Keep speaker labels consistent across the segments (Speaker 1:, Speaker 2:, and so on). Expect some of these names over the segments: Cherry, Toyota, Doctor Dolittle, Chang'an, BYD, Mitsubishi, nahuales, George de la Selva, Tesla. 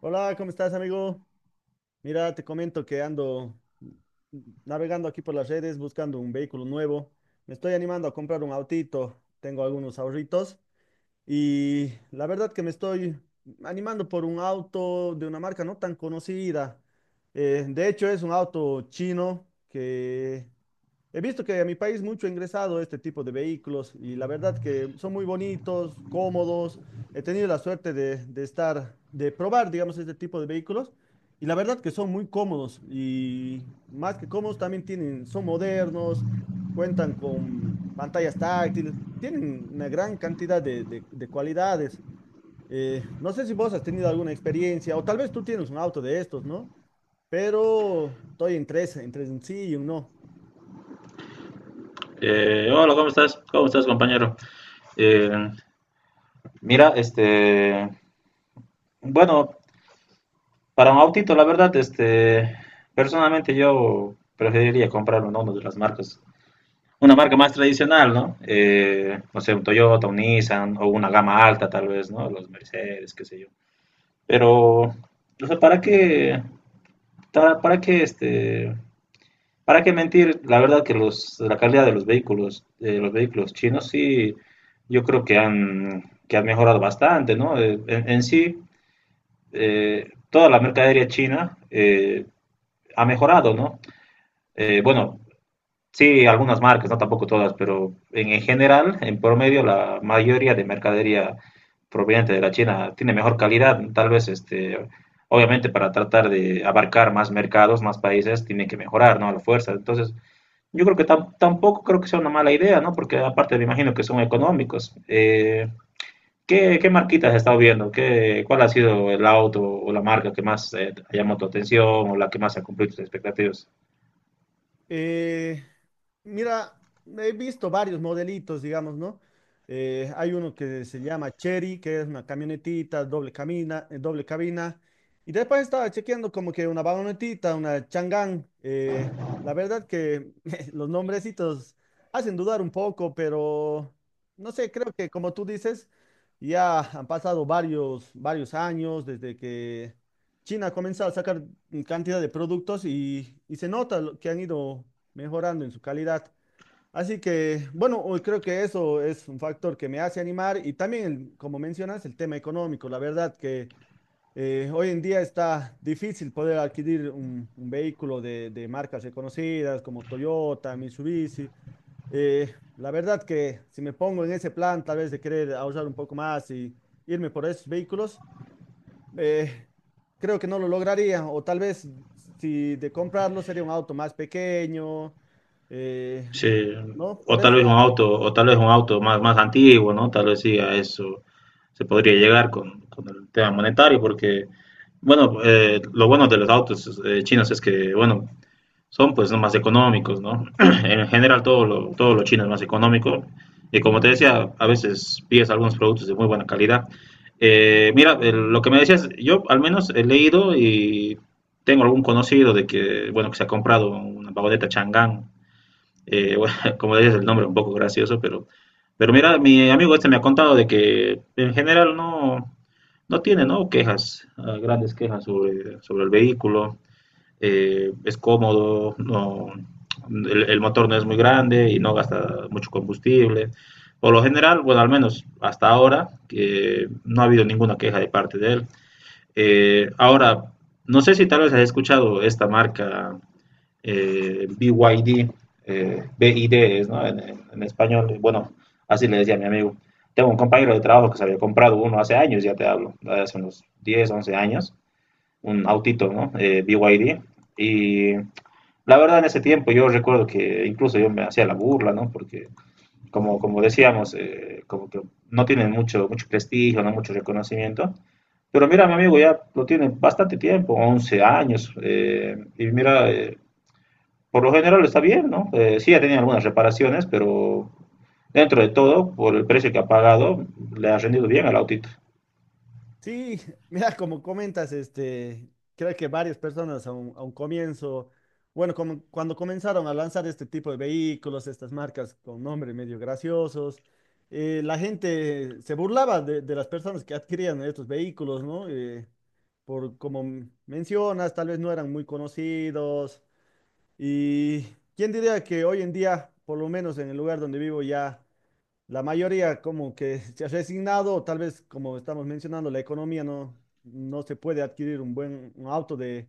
Speaker 1: Hola, ¿cómo estás, amigo? Mira, te comento que ando navegando aquí por las redes buscando un vehículo nuevo. Me estoy animando a comprar un autito. Tengo algunos ahorritos y la verdad que me estoy animando por un auto de una marca no tan conocida. De hecho, es un auto chino que he visto que a mi país mucho ha ingresado este tipo de vehículos y la verdad que son muy bonitos, cómodos. He tenido la suerte de estar, de probar, digamos, este tipo de vehículos y la verdad que son muy cómodos y más que cómodos también tienen, son modernos, cuentan con pantallas táctiles, tienen una gran cantidad de cualidades. No sé si vos has tenido alguna experiencia o tal vez tú tienes un auto de estos, ¿no? Pero estoy entre un sí y un no.
Speaker 2: Hola, ¿cómo estás? ¿Cómo estás, compañero? Eh, Mira, este, bueno, para un autito, la verdad, este, personalmente yo preferiría comprar uno de las marcas, una marca más tradicional, ¿no? No sé, un Toyota, un Nissan o una gama alta, tal vez, ¿no? Los Mercedes, qué sé yo. Pero, o sea, ¿para qué, para qué, este? ¿Para qué mentir? La verdad que los, la calidad de los vehículos chinos, sí, yo creo que que han mejorado bastante, ¿no? En, sí, toda la mercadería china ha mejorado, ¿no? Bueno, sí, algunas marcas, no tampoco todas, pero en general, en promedio, la mayoría de mercadería proveniente de la China tiene mejor calidad, tal vez, este, obviamente para tratar de abarcar más mercados, más países, tienen que mejorar, ¿no? A la fuerza. Entonces, yo creo que tampoco creo que sea una mala idea, ¿no? Porque aparte me imagino que son económicos. ¿Qué, marquitas has estado viendo? ¿Qué, cuál ha sido el auto o la marca que más ha llamado tu atención o la que más ha cumplido tus expectativas?
Speaker 1: Eh, Mira, he visto varios modelitos, digamos, ¿no? Hay uno que se llama Cherry, que es una camionetita, doble doble cabina. Y después estaba chequeando como que una vagonetita, una Chang'an. La verdad que los nombrecitos hacen dudar un poco, pero no sé, creo que como tú dices, ya han pasado varios años desde que China ha comenzado a sacar cantidad de productos y se nota lo que han ido mejorando en su calidad. Así que, bueno, hoy creo que eso es un factor que me hace animar y también, como mencionas, el tema económico. La verdad que hoy en día está difícil poder adquirir un vehículo de marcas reconocidas como Toyota, Mitsubishi. La verdad que si me pongo en ese plan, tal vez de querer ahorrar un poco más y irme por esos vehículos eh, creo que no lo lograría. O tal vez si de comprarlo sería un auto más pequeño. eh,
Speaker 2: Sí,
Speaker 1: no, por ese lado.
Speaker 2: o tal vez un auto más antiguo, ¿no? Tal vez sí a eso se podría llegar con el tema monetario, porque, bueno, lo bueno de los autos chinos es que, bueno, son pues más económicos, ¿no? En general todo lo chino es más económico y como te decía, a veces pides algunos productos de muy buena calidad. Mira, lo que me decías, yo al menos he leído y tengo algún conocido de que, bueno, que se ha comprado una vagoneta Chang'an, bueno, como decías, el nombre es un poco gracioso, pero mira, mi amigo este me ha contado de que en general no, no tiene, ¿no? quejas, grandes quejas sobre el vehículo es cómodo, no, el motor no es muy grande y no gasta mucho combustible. Por lo general, bueno, al menos hasta ahora, no ha habido ninguna queja de parte de él. Ahora, no sé si tal vez has escuchado esta marca BYD, D B I D es, ¿no? en, en español, bueno, así le decía a mi amigo. Tengo un compañero de trabajo que se había comprado uno hace años, ya te hablo, hace unos 10 11 años, un autito, ¿no? BYD. Y D. Y la verdad en ese tiempo yo recuerdo que incluso yo me hacía la burla, ¿no? Porque como, decíamos, como que no tienen mucho, mucho prestigio, no mucho reconocimiento. Pero mira, mi amigo ya lo tiene bastante tiempo, 11 años. Y mira, por lo general está bien, ¿no? Sí, ha tenido algunas reparaciones, pero dentro de todo, por el precio que ha pagado, le ha rendido bien al autito.
Speaker 1: Sí, mira, como comentas, este, creo que varias personas a un comienzo, bueno, como cuando comenzaron a lanzar este tipo de vehículos, estas marcas con nombres medio graciosos, la gente se burlaba de las personas que adquirían estos vehículos, ¿no? Por como mencionas, tal vez no eran muy conocidos. Y quién diría que hoy en día, por lo menos en el lugar donde vivo, ya la mayoría como que se ha resignado, tal vez como estamos mencionando, la economía no, no se puede adquirir un auto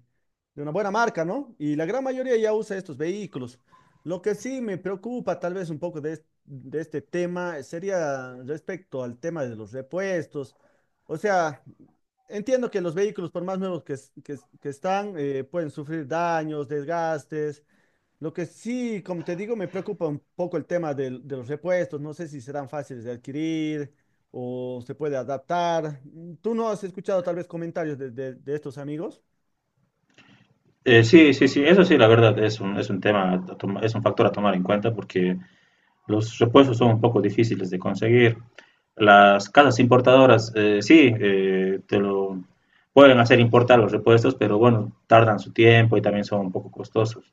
Speaker 1: de una buena marca, ¿no? Y la gran mayoría ya usa estos vehículos. Lo que sí me preocupa tal vez un poco de este tema sería respecto al tema de los repuestos. O sea, entiendo que los vehículos, por más nuevos que están, pueden sufrir daños, desgastes. Lo que sí, como te digo, me preocupa un poco el tema los repuestos. No sé si serán fáciles de adquirir o se puede adaptar. ¿Tú no has escuchado tal vez comentarios de estos amigos?
Speaker 2: Sí, sí, sí, eso sí, la verdad, es un, tema, es un factor a tomar en cuenta porque los repuestos son un poco difíciles de conseguir. Las casas importadoras, sí, te lo pueden hacer importar los repuestos, pero bueno, tardan su tiempo y también son un poco costosos.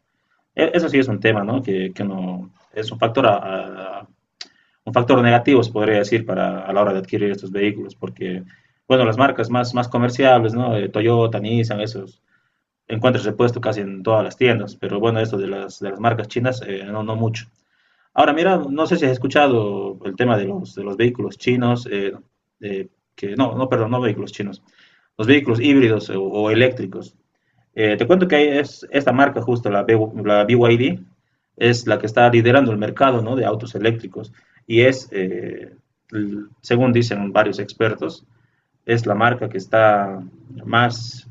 Speaker 2: Eso sí es un tema, ¿no? Que no, es un factor, un factor negativo, se podría decir, para, a la hora de adquirir estos vehículos, porque, bueno, las marcas más comerciales, ¿no? Toyota, Nissan, esos encuentras repuesto casi en todas las tiendas, pero bueno, esto de de las marcas chinas, no, no mucho. Ahora, mira, no sé si has escuchado el tema de de los vehículos chinos, eh, que no, no, perdón, no vehículos chinos, los vehículos híbridos o eléctricos. Te cuento que hay es esta marca justo, la BYD, es la que está liderando el mercado, ¿no? De autos eléctricos y según dicen varios expertos, es la marca que está más,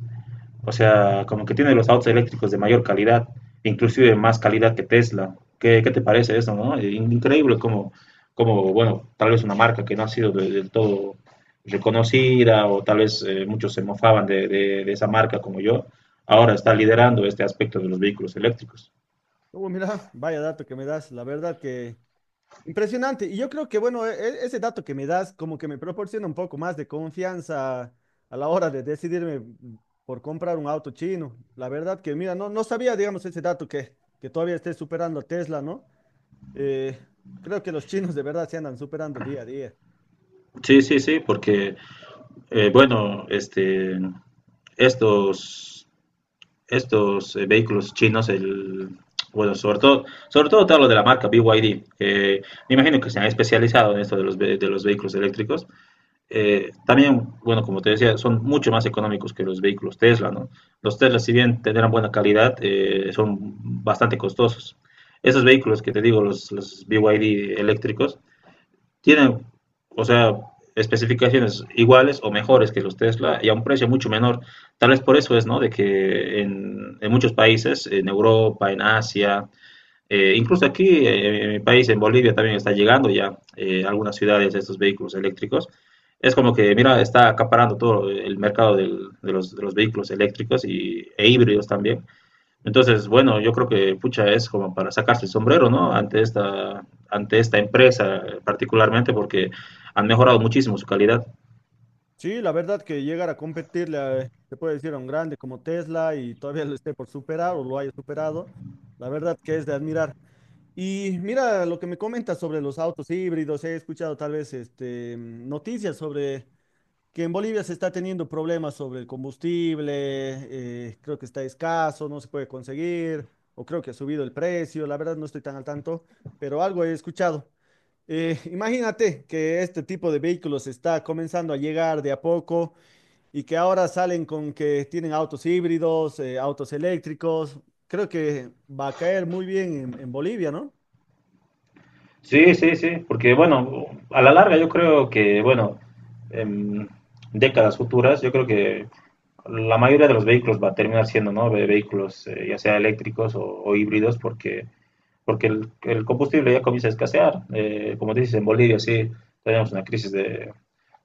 Speaker 2: o sea, como que tiene los autos eléctricos de mayor calidad, inclusive más calidad que Tesla. ¿Qué, qué te parece eso, no? Increíble como, bueno, tal vez una marca que no ha sido del todo reconocida o tal vez muchos se mofaban de esa marca como yo, ahora está liderando este aspecto de los vehículos eléctricos.
Speaker 1: Oh, mira, vaya dato que me das. La verdad que impresionante. Y yo creo que, bueno, ese dato que me das como que me proporciona un poco más de confianza a la hora de decidirme, por comprar un auto chino. La verdad que, mira, no sabía, digamos, ese dato que todavía esté superando a Tesla, ¿no? Eh, Creo que los chinos de verdad se andan superando día a día.
Speaker 2: Sí, sí, sí, porque, bueno, este, estos estos vehículos chinos, bueno, sobre todo te hablo de la marca BYD, que me imagino que se han especializado en esto de de los vehículos eléctricos. También, bueno, como te decía, son mucho más económicos que los vehículos Tesla, ¿no? Los Tesla, si bien tendrán buena calidad, son bastante costosos. Esos vehículos que te digo, los BYD eléctricos, tienen, o sea, especificaciones iguales o mejores que los Tesla y a un precio mucho menor. Tal vez por eso es, ¿no? De que en muchos países, en Europa, en Asia, incluso aquí en mi país, en Bolivia, también está llegando ya a algunas ciudades estos vehículos eléctricos. Es como que, mira, está acaparando todo el mercado de los vehículos eléctricos y, e híbridos también. Entonces, bueno, yo creo que pucha es como para sacarse el sombrero, ¿no? Ante esta empresa particularmente porque han mejorado muchísimo su calidad.
Speaker 1: Sí, la verdad que llegar a competirle, a, se puede decir, a un grande como Tesla y todavía lo esté por superar o lo haya superado, la verdad que es de admirar. Y mira lo que me comentas sobre los autos híbridos. He escuchado tal vez este, noticias sobre que en Bolivia se está teniendo problemas sobre el combustible, creo que está escaso, no se puede conseguir, o creo que ha subido el precio. La verdad no estoy tan al tanto, pero algo he escuchado. Imagínate que este tipo de vehículos está comenzando a llegar de a poco y que ahora salen con que tienen autos híbridos, autos eléctricos. Creo que va a caer muy bien en Bolivia, ¿no?
Speaker 2: Sí, sí, sí, porque bueno, a la larga yo creo que, bueno, en décadas futuras, yo creo que la mayoría de los vehículos va a terminar siendo, ¿no? Vehículos ya sea eléctricos o híbridos, porque porque el combustible ya comienza a escasear. Como dices, en Bolivia sí tenemos una crisis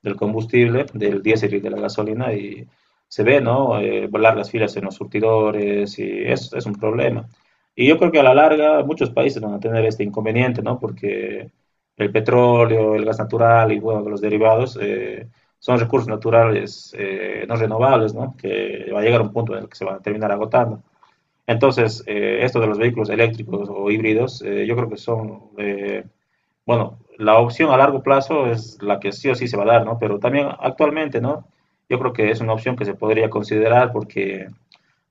Speaker 2: del combustible, del diésel y de la gasolina, y se ve, ¿no? Volar las filas en los surtidores, y es un problema. Y yo creo que a la larga muchos países van a tener este inconveniente, ¿no? Porque el petróleo, el gas natural y, bueno, los derivados son recursos naturales no renovables, ¿no? Que va a llegar un punto en el que se van a terminar agotando. Entonces, esto de los vehículos eléctricos o híbridos, yo creo que son, bueno, la opción a largo plazo es la que sí o sí se va a dar, ¿no? Pero también actualmente, ¿no? Yo creo que es una opción que se podría considerar porque,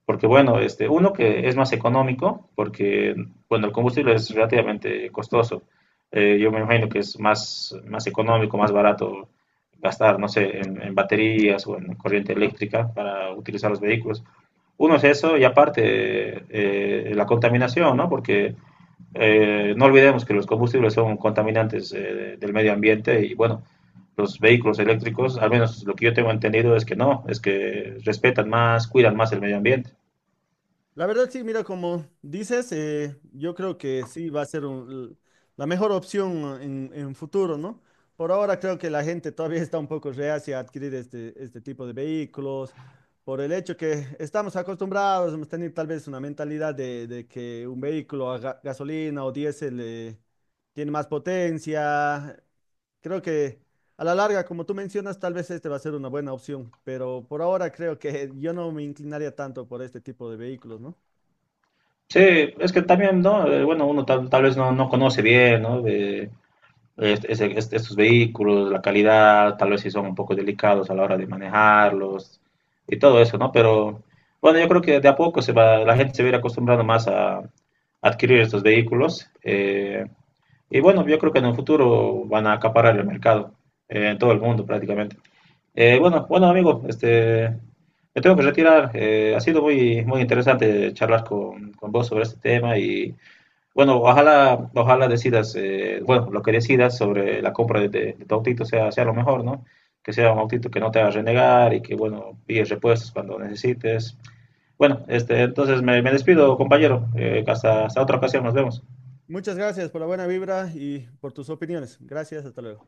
Speaker 2: porque bueno, este, uno que es más económico, porque, bueno, el combustible es relativamente costoso. Yo me imagino que es más económico, más barato gastar, no sé, en baterías o en corriente eléctrica para utilizar los vehículos. Uno es eso y aparte la contaminación, ¿no? Porque no olvidemos que los combustibles son contaminantes del medio ambiente y bueno, los vehículos eléctricos, al menos lo que yo tengo entendido es que no, es que respetan más, cuidan más el medio ambiente.
Speaker 1: La verdad, sí, mira, como dices, yo creo que sí va a ser la mejor opción en futuro, ¿no? Por ahora creo que la gente todavía está un poco reacia a adquirir este, este tipo de vehículos, por el hecho que estamos acostumbrados, hemos tenido tal vez una mentalidad de que un vehículo a gasolina o diésel tiene más potencia. Creo que... A la larga, como tú mencionas, tal vez este va a ser una buena opción, pero por ahora creo que yo no me inclinaría tanto por este tipo de vehículos, ¿no?
Speaker 2: Sí, es que también, ¿no? Bueno, uno tal vez no conoce bien, ¿no? De estos vehículos, la calidad, tal vez si son un poco delicados a la hora de manejarlos y todo eso, ¿no? Pero bueno, yo creo que de a poco se va, la gente se va a ir acostumbrando más a adquirir estos vehículos. Y bueno, yo creo que en el futuro van a acaparar el mercado en todo el mundo prácticamente. Bueno, bueno, amigo, este, me tengo que retirar. Ha sido muy, muy interesante charlar con vos sobre este tema y bueno, ojalá, ojalá decidas, bueno, lo que decidas sobre la compra de tu autito sea lo mejor, ¿no? Que sea un autito que no te haga renegar y que, bueno, pilles repuestos cuando necesites. Bueno, este, entonces me despido, compañero. Hasta, hasta otra ocasión, nos vemos.
Speaker 1: Muchas gracias por la buena vibra y por tus opiniones. Gracias, hasta luego.